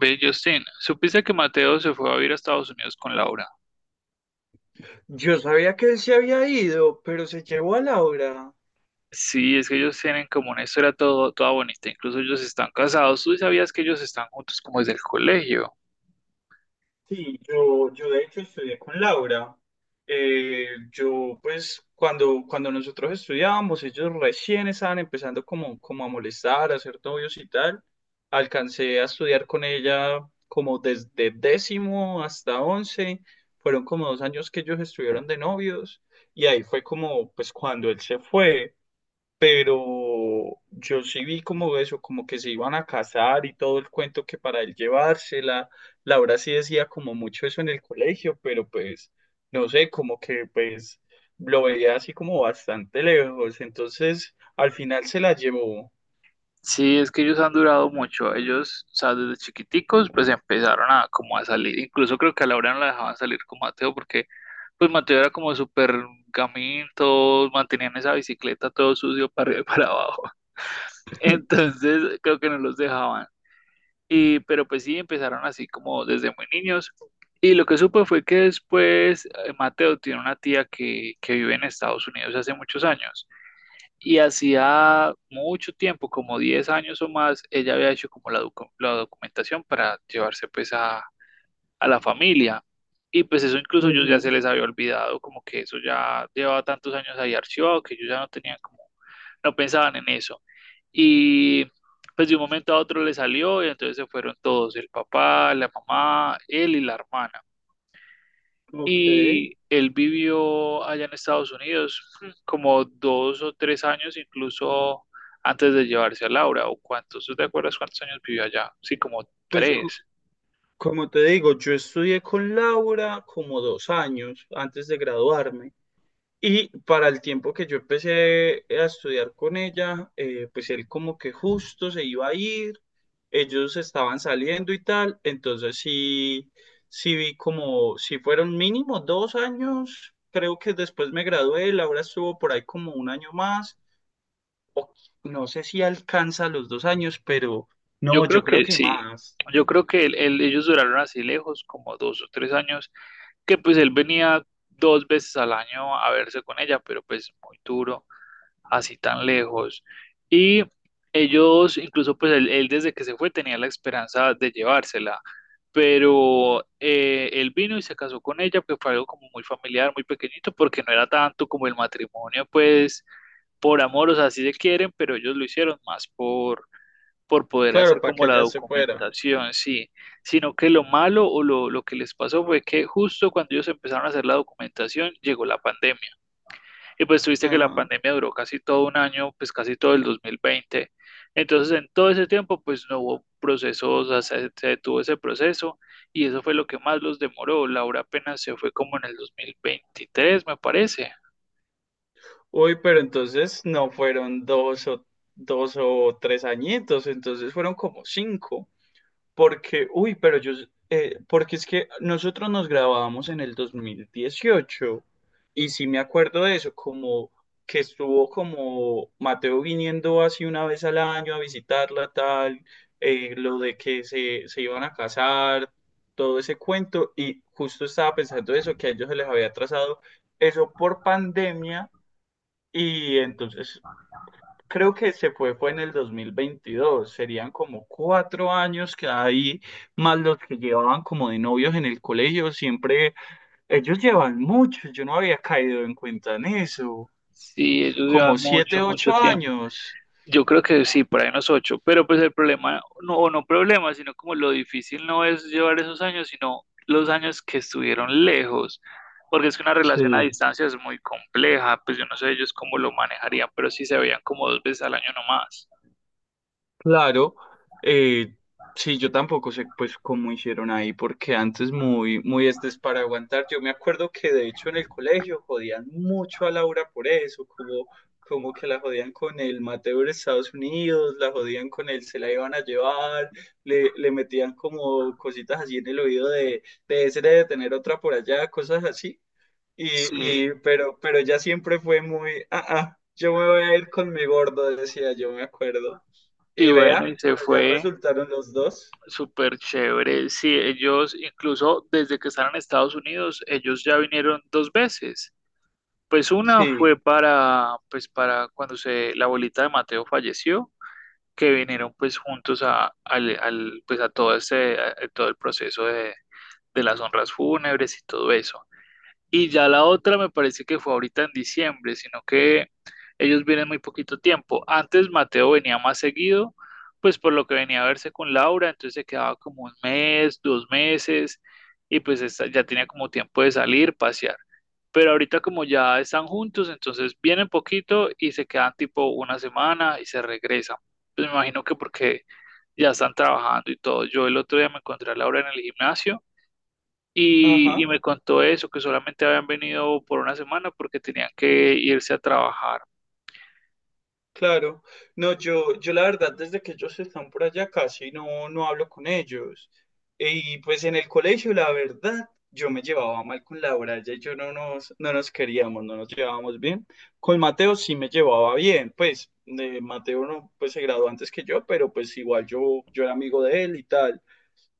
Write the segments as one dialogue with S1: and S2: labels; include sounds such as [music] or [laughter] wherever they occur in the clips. S1: Ve, Justin, ¿supiste que Mateo se fue a vivir a Estados Unidos con Laura?
S2: Yo sabía que él se había ido, pero se llevó a Laura.
S1: Sí, es que ellos tienen como una historia toda bonita, incluso ellos están casados. ¿Tú sabías que ellos están juntos como desde el colegio?
S2: Sí, yo de hecho estudié con Laura. Yo pues cuando nosotros estudiábamos, ellos recién estaban empezando como a molestar, a ser novios y tal. Alcancé a estudiar con ella como desde décimo hasta once. Fueron como 2 años que ellos estuvieron de novios y ahí fue como pues cuando él se fue. Pero yo sí vi como eso, como que se iban a casar y todo el cuento que para él llevársela. Laura sí decía como mucho eso en el colegio, pero pues no sé, como que pues lo veía así como bastante lejos. Entonces al final se la llevó.
S1: Sí, es que ellos han durado mucho. Ellos, o sea, desde chiquiticos, pues empezaron a como a salir. Incluso creo que a Laura no la dejaban salir con Mateo porque pues Mateo era como súper gamín, todos mantenían esa bicicleta todo sucio para arriba y para abajo. [laughs] Entonces creo que no los dejaban. Pero pues sí, empezaron así como desde muy niños. Y lo que supe fue que después Mateo tiene una tía que vive en Estados Unidos hace muchos años. Y hacía mucho tiempo, como 10 años o más, ella había hecho como la documentación para llevarse pues a la familia. Y pues eso incluso yo ya se les había olvidado, como que eso ya llevaba tantos años ahí archivado que ellos ya no tenían como, no pensaban en eso. Y pues de un momento a otro le salió y entonces se fueron todos, el papá, la mamá, él y la hermana.
S2: Ujú, ok.
S1: Y él vivió allá en Estados Unidos como dos o tres años, incluso antes de llevarse a Laura, o cuántos, ¿tú te acuerdas cuántos años vivió allá? Sí, como
S2: Pues cu-
S1: tres.
S2: Como te digo, yo estudié con Laura como 2 años antes de graduarme. Y para el tiempo que yo empecé a estudiar con ella, pues él como que justo se iba a ir, ellos estaban saliendo y tal, entonces sí, sí vi como, si fueron mínimo 2 años. Creo que después me gradué, Laura estuvo por ahí como un año más, o no sé si alcanza los 2 años, pero
S1: Yo
S2: no, yo
S1: creo
S2: creo
S1: que
S2: que
S1: sí.
S2: más,
S1: Yo creo que ellos duraron así lejos, como dos o tres años, que pues él venía dos veces al año a verse con ella, pero pues muy duro, así tan lejos. Y ellos, incluso él desde que se fue tenía la esperanza de llevársela, pero él vino y se casó con ella, que fue algo como muy familiar, muy pequeñito, porque no era tanto como el matrimonio, pues por amor, o sea, sí se quieren, pero ellos lo hicieron más por poder
S2: claro,
S1: hacer
S2: para
S1: como
S2: que
S1: la
S2: ella se fuera.
S1: documentación, sí, sino que lo malo o lo que les pasó fue que justo cuando ellos empezaron a hacer la documentación llegó la pandemia y pues tuviste que la
S2: Ajá.
S1: pandemia duró casi todo un año, pues casi todo el 2020. Entonces en todo ese tiempo pues no hubo procesos, o sea, se detuvo ese proceso y eso fue lo que más los demoró. Laura apenas se fue como en el 2023, me parece.
S2: Uy, pero entonces no fueron dos o tres añitos, entonces fueron como cinco, porque, uy, pero yo, porque es que nosotros nos grabábamos en el 2018 y sí me acuerdo de eso, como que estuvo como Mateo viniendo así una vez al año a visitarla, tal, lo de que se iban a casar, todo ese cuento, y justo estaba pensando eso, que a ellos se les había atrasado eso por pandemia y entonces creo que fue en el 2022. Serían como 4 años que ahí, más los que llevaban como de novios en el colegio, siempre ellos llevan mucho. Yo no había caído en cuenta en eso.
S1: Sí, ellos
S2: Como
S1: llevan
S2: siete,
S1: mucho, mucho
S2: ocho
S1: tiempo.
S2: años.
S1: Yo creo que sí, por ahí unos ocho, pero pues el problema, no, o no problema, sino como lo difícil no es llevar esos años, sino los años que estuvieron lejos, porque es que una relación a
S2: Sí.
S1: distancia es muy compleja, pues yo no sé ellos cómo lo manejarían, pero sí se veían como dos veces al año nomás.
S2: Claro, eh, sí, yo tampoco sé pues cómo hicieron ahí, porque antes muy, muy este es para aguantar. Yo me acuerdo que de hecho en el colegio jodían mucho a Laura por eso, como, como que la jodían con el Mateo de Estados Unidos, la jodían con el se la iban a llevar, le metían como cositas así en el oído de ese de tener otra por allá, cosas así. Y,
S1: Sí,
S2: pero ella siempre fue muy, yo me voy a ir con mi gordo, decía, yo me acuerdo.
S1: y
S2: Y
S1: bueno, y
S2: vea,
S1: se
S2: por allá
S1: fue
S2: resultaron los dos.
S1: súper chévere. Sí, ellos, incluso desde que están en Estados Unidos, ellos ya vinieron dos veces. Pues una fue
S2: Sí,
S1: para, pues para cuando se, la abuelita de Mateo falleció, que vinieron pues juntos pues, a todo a todo el proceso de las honras fúnebres y todo eso. Y ya la otra me parece que fue ahorita en diciembre, sino que ellos vienen muy poquito tiempo. Antes Mateo venía más seguido, pues por lo que venía a verse con Laura, entonces se quedaba como un mes, dos meses, y pues ya tenía como tiempo de salir, pasear. Pero ahorita como ya están juntos, entonces vienen poquito y se quedan tipo una semana y se regresan. Pues me imagino que porque ya están trabajando y todo. Yo el otro día me encontré a Laura en el gimnasio y
S2: ajá,
S1: me contó eso, que solamente habían venido por una semana porque tenían que irse a trabajar.
S2: claro. No, yo la verdad, desde que ellos están por allá casi no, no hablo con ellos. Y pues en el colegio, la verdad, yo me llevaba mal con Laura, ella y yo no nos queríamos, no nos llevábamos bien. Con Mateo sí me llevaba bien, pues Mateo no, pues se graduó antes que yo, pero pues igual yo era amigo de él y tal.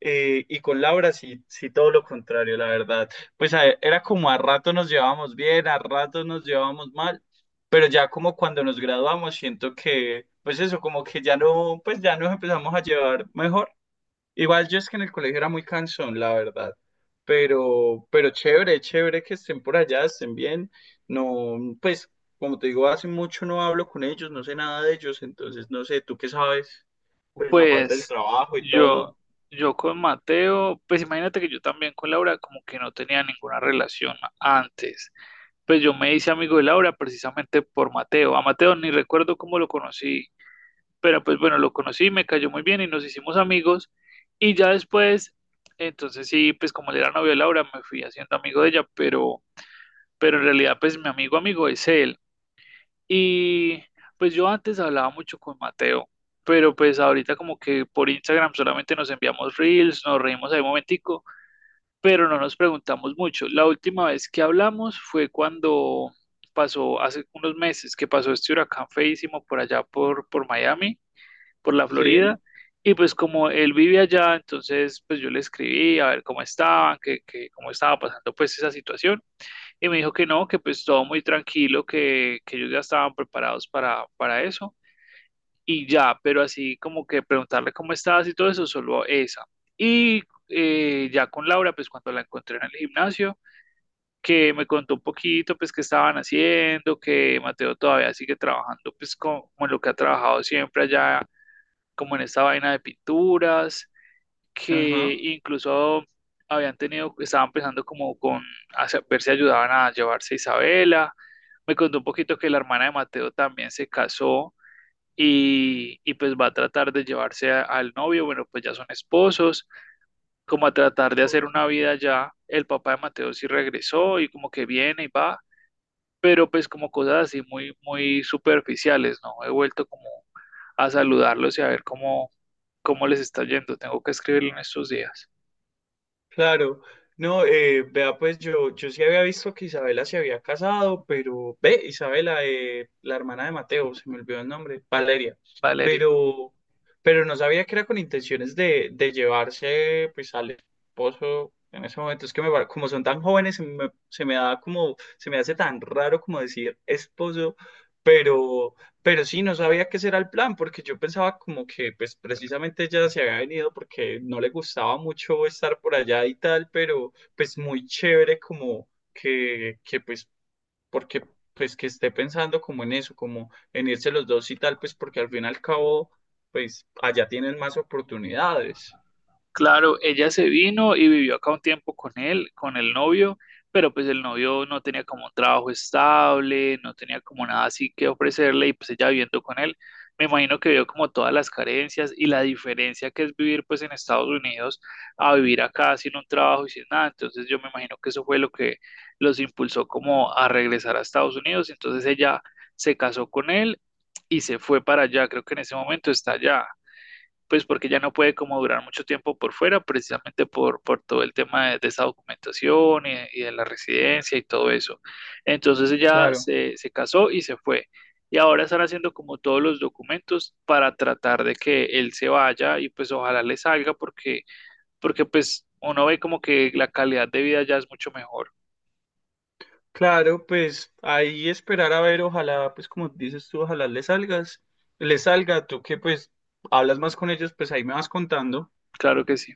S2: Y con Laura sí, sí todo lo contrario, la verdad. Era como a rato nos llevábamos bien, a rato nos llevábamos mal, pero ya como cuando nos graduamos siento que, pues eso, como que ya no, pues ya nos empezamos a llevar mejor. Igual yo es que en el colegio era muy cansón, la verdad, pero, chévere, chévere que estén por allá, estén bien. No, pues como te digo, hace mucho no hablo con ellos, no sé nada de ellos, entonces no sé, ¿tú qué sabes? Pues aparte del
S1: Pues
S2: trabajo y
S1: yo,
S2: todo.
S1: yo con Mateo, pues imagínate que yo también con Laura como que no tenía ninguna relación antes. Pues yo me hice amigo de Laura precisamente por Mateo. A Mateo ni recuerdo cómo lo conocí, pero pues bueno, lo conocí, me cayó muy bien y nos hicimos amigos. Y ya después, entonces sí, pues como él era novio de Laura, me fui haciendo amigo de ella, pero en realidad pues mi amigo amigo es él. Y pues yo antes hablaba mucho con Mateo, pero pues ahorita como que por Instagram solamente nos enviamos reels, nos reímos ahí un momentico, pero no nos preguntamos mucho. La última vez que hablamos fue cuando pasó, hace unos meses, que pasó este huracán feísimo por allá por Miami, por la
S2: Sí,
S1: Florida. Y pues como él vive allá, entonces pues yo le escribí a ver cómo estaban, que cómo estaba pasando pues esa situación. Y me dijo que no, que pues todo muy tranquilo, que ellos ya estaban preparados para eso y ya, pero así como que preguntarle cómo estás y todo eso, solo esa. Y ya con Laura, pues cuando la encontré en el gimnasio, que me contó un poquito, pues qué estaban haciendo, que Mateo todavía sigue trabajando, pues como en lo que ha trabajado siempre allá, como en esta vaina de pinturas, que
S2: ajá.
S1: incluso habían tenido, estaban pensando como con ver si ayudaban a llevarse a Isabela. Me contó un poquito que la hermana de Mateo también se casó y pues va a tratar de llevarse al novio, bueno, pues ya son esposos, como a tratar de hacer
S2: Ok.
S1: una vida ya. El papá de Mateo sí regresó y como que viene y va, pero pues como cosas así muy, muy superficiales, ¿no? He vuelto como a saludarlos y a ver cómo les está yendo. Tengo que escribirlo en estos días.
S2: Claro, no, vea, pues yo sí había visto que Isabela se había casado, pero ve, Isabela, la hermana de Mateo, se me olvidó el nombre, Valeria,
S1: Valeria.
S2: pero, no sabía que era con intenciones de llevarse pues al esposo en ese momento. Es que como son tan jóvenes, se me da como, se me hace tan raro como decir esposo, pero, Pero sí, no sabía qué era el plan, porque yo pensaba como que pues precisamente ella se había venido porque no le gustaba mucho estar por allá y tal, pero pues muy chévere como que pues, porque pues que esté pensando como en eso, como en irse los dos y tal, pues porque al fin y al cabo, pues allá tienen más oportunidades.
S1: Claro, ella se vino y vivió acá un tiempo con él, con el novio, pero pues el novio no tenía como un trabajo estable, no tenía como nada así que ofrecerle y pues ella viviendo con él, me imagino que vio como todas las carencias y la diferencia que es vivir pues en Estados Unidos a vivir acá sin un trabajo y sin nada, entonces yo me imagino que eso fue lo que los impulsó como a regresar a Estados Unidos, entonces ella se casó con él y se fue para allá, creo que en ese momento está allá pues porque ya no puede como durar mucho tiempo por fuera, precisamente por todo el tema de esa documentación y de la residencia y todo eso. Entonces ella
S2: Claro,
S1: se casó y se fue. Y ahora están haciendo como todos los documentos para tratar de que él se vaya y pues ojalá le salga porque, porque pues uno ve como que la calidad de vida ya es mucho mejor.
S2: claro, pues ahí esperar a ver, ojalá, pues como dices tú, le salga, tú que pues hablas más con ellos, pues ahí me vas contando.
S1: Claro que sí.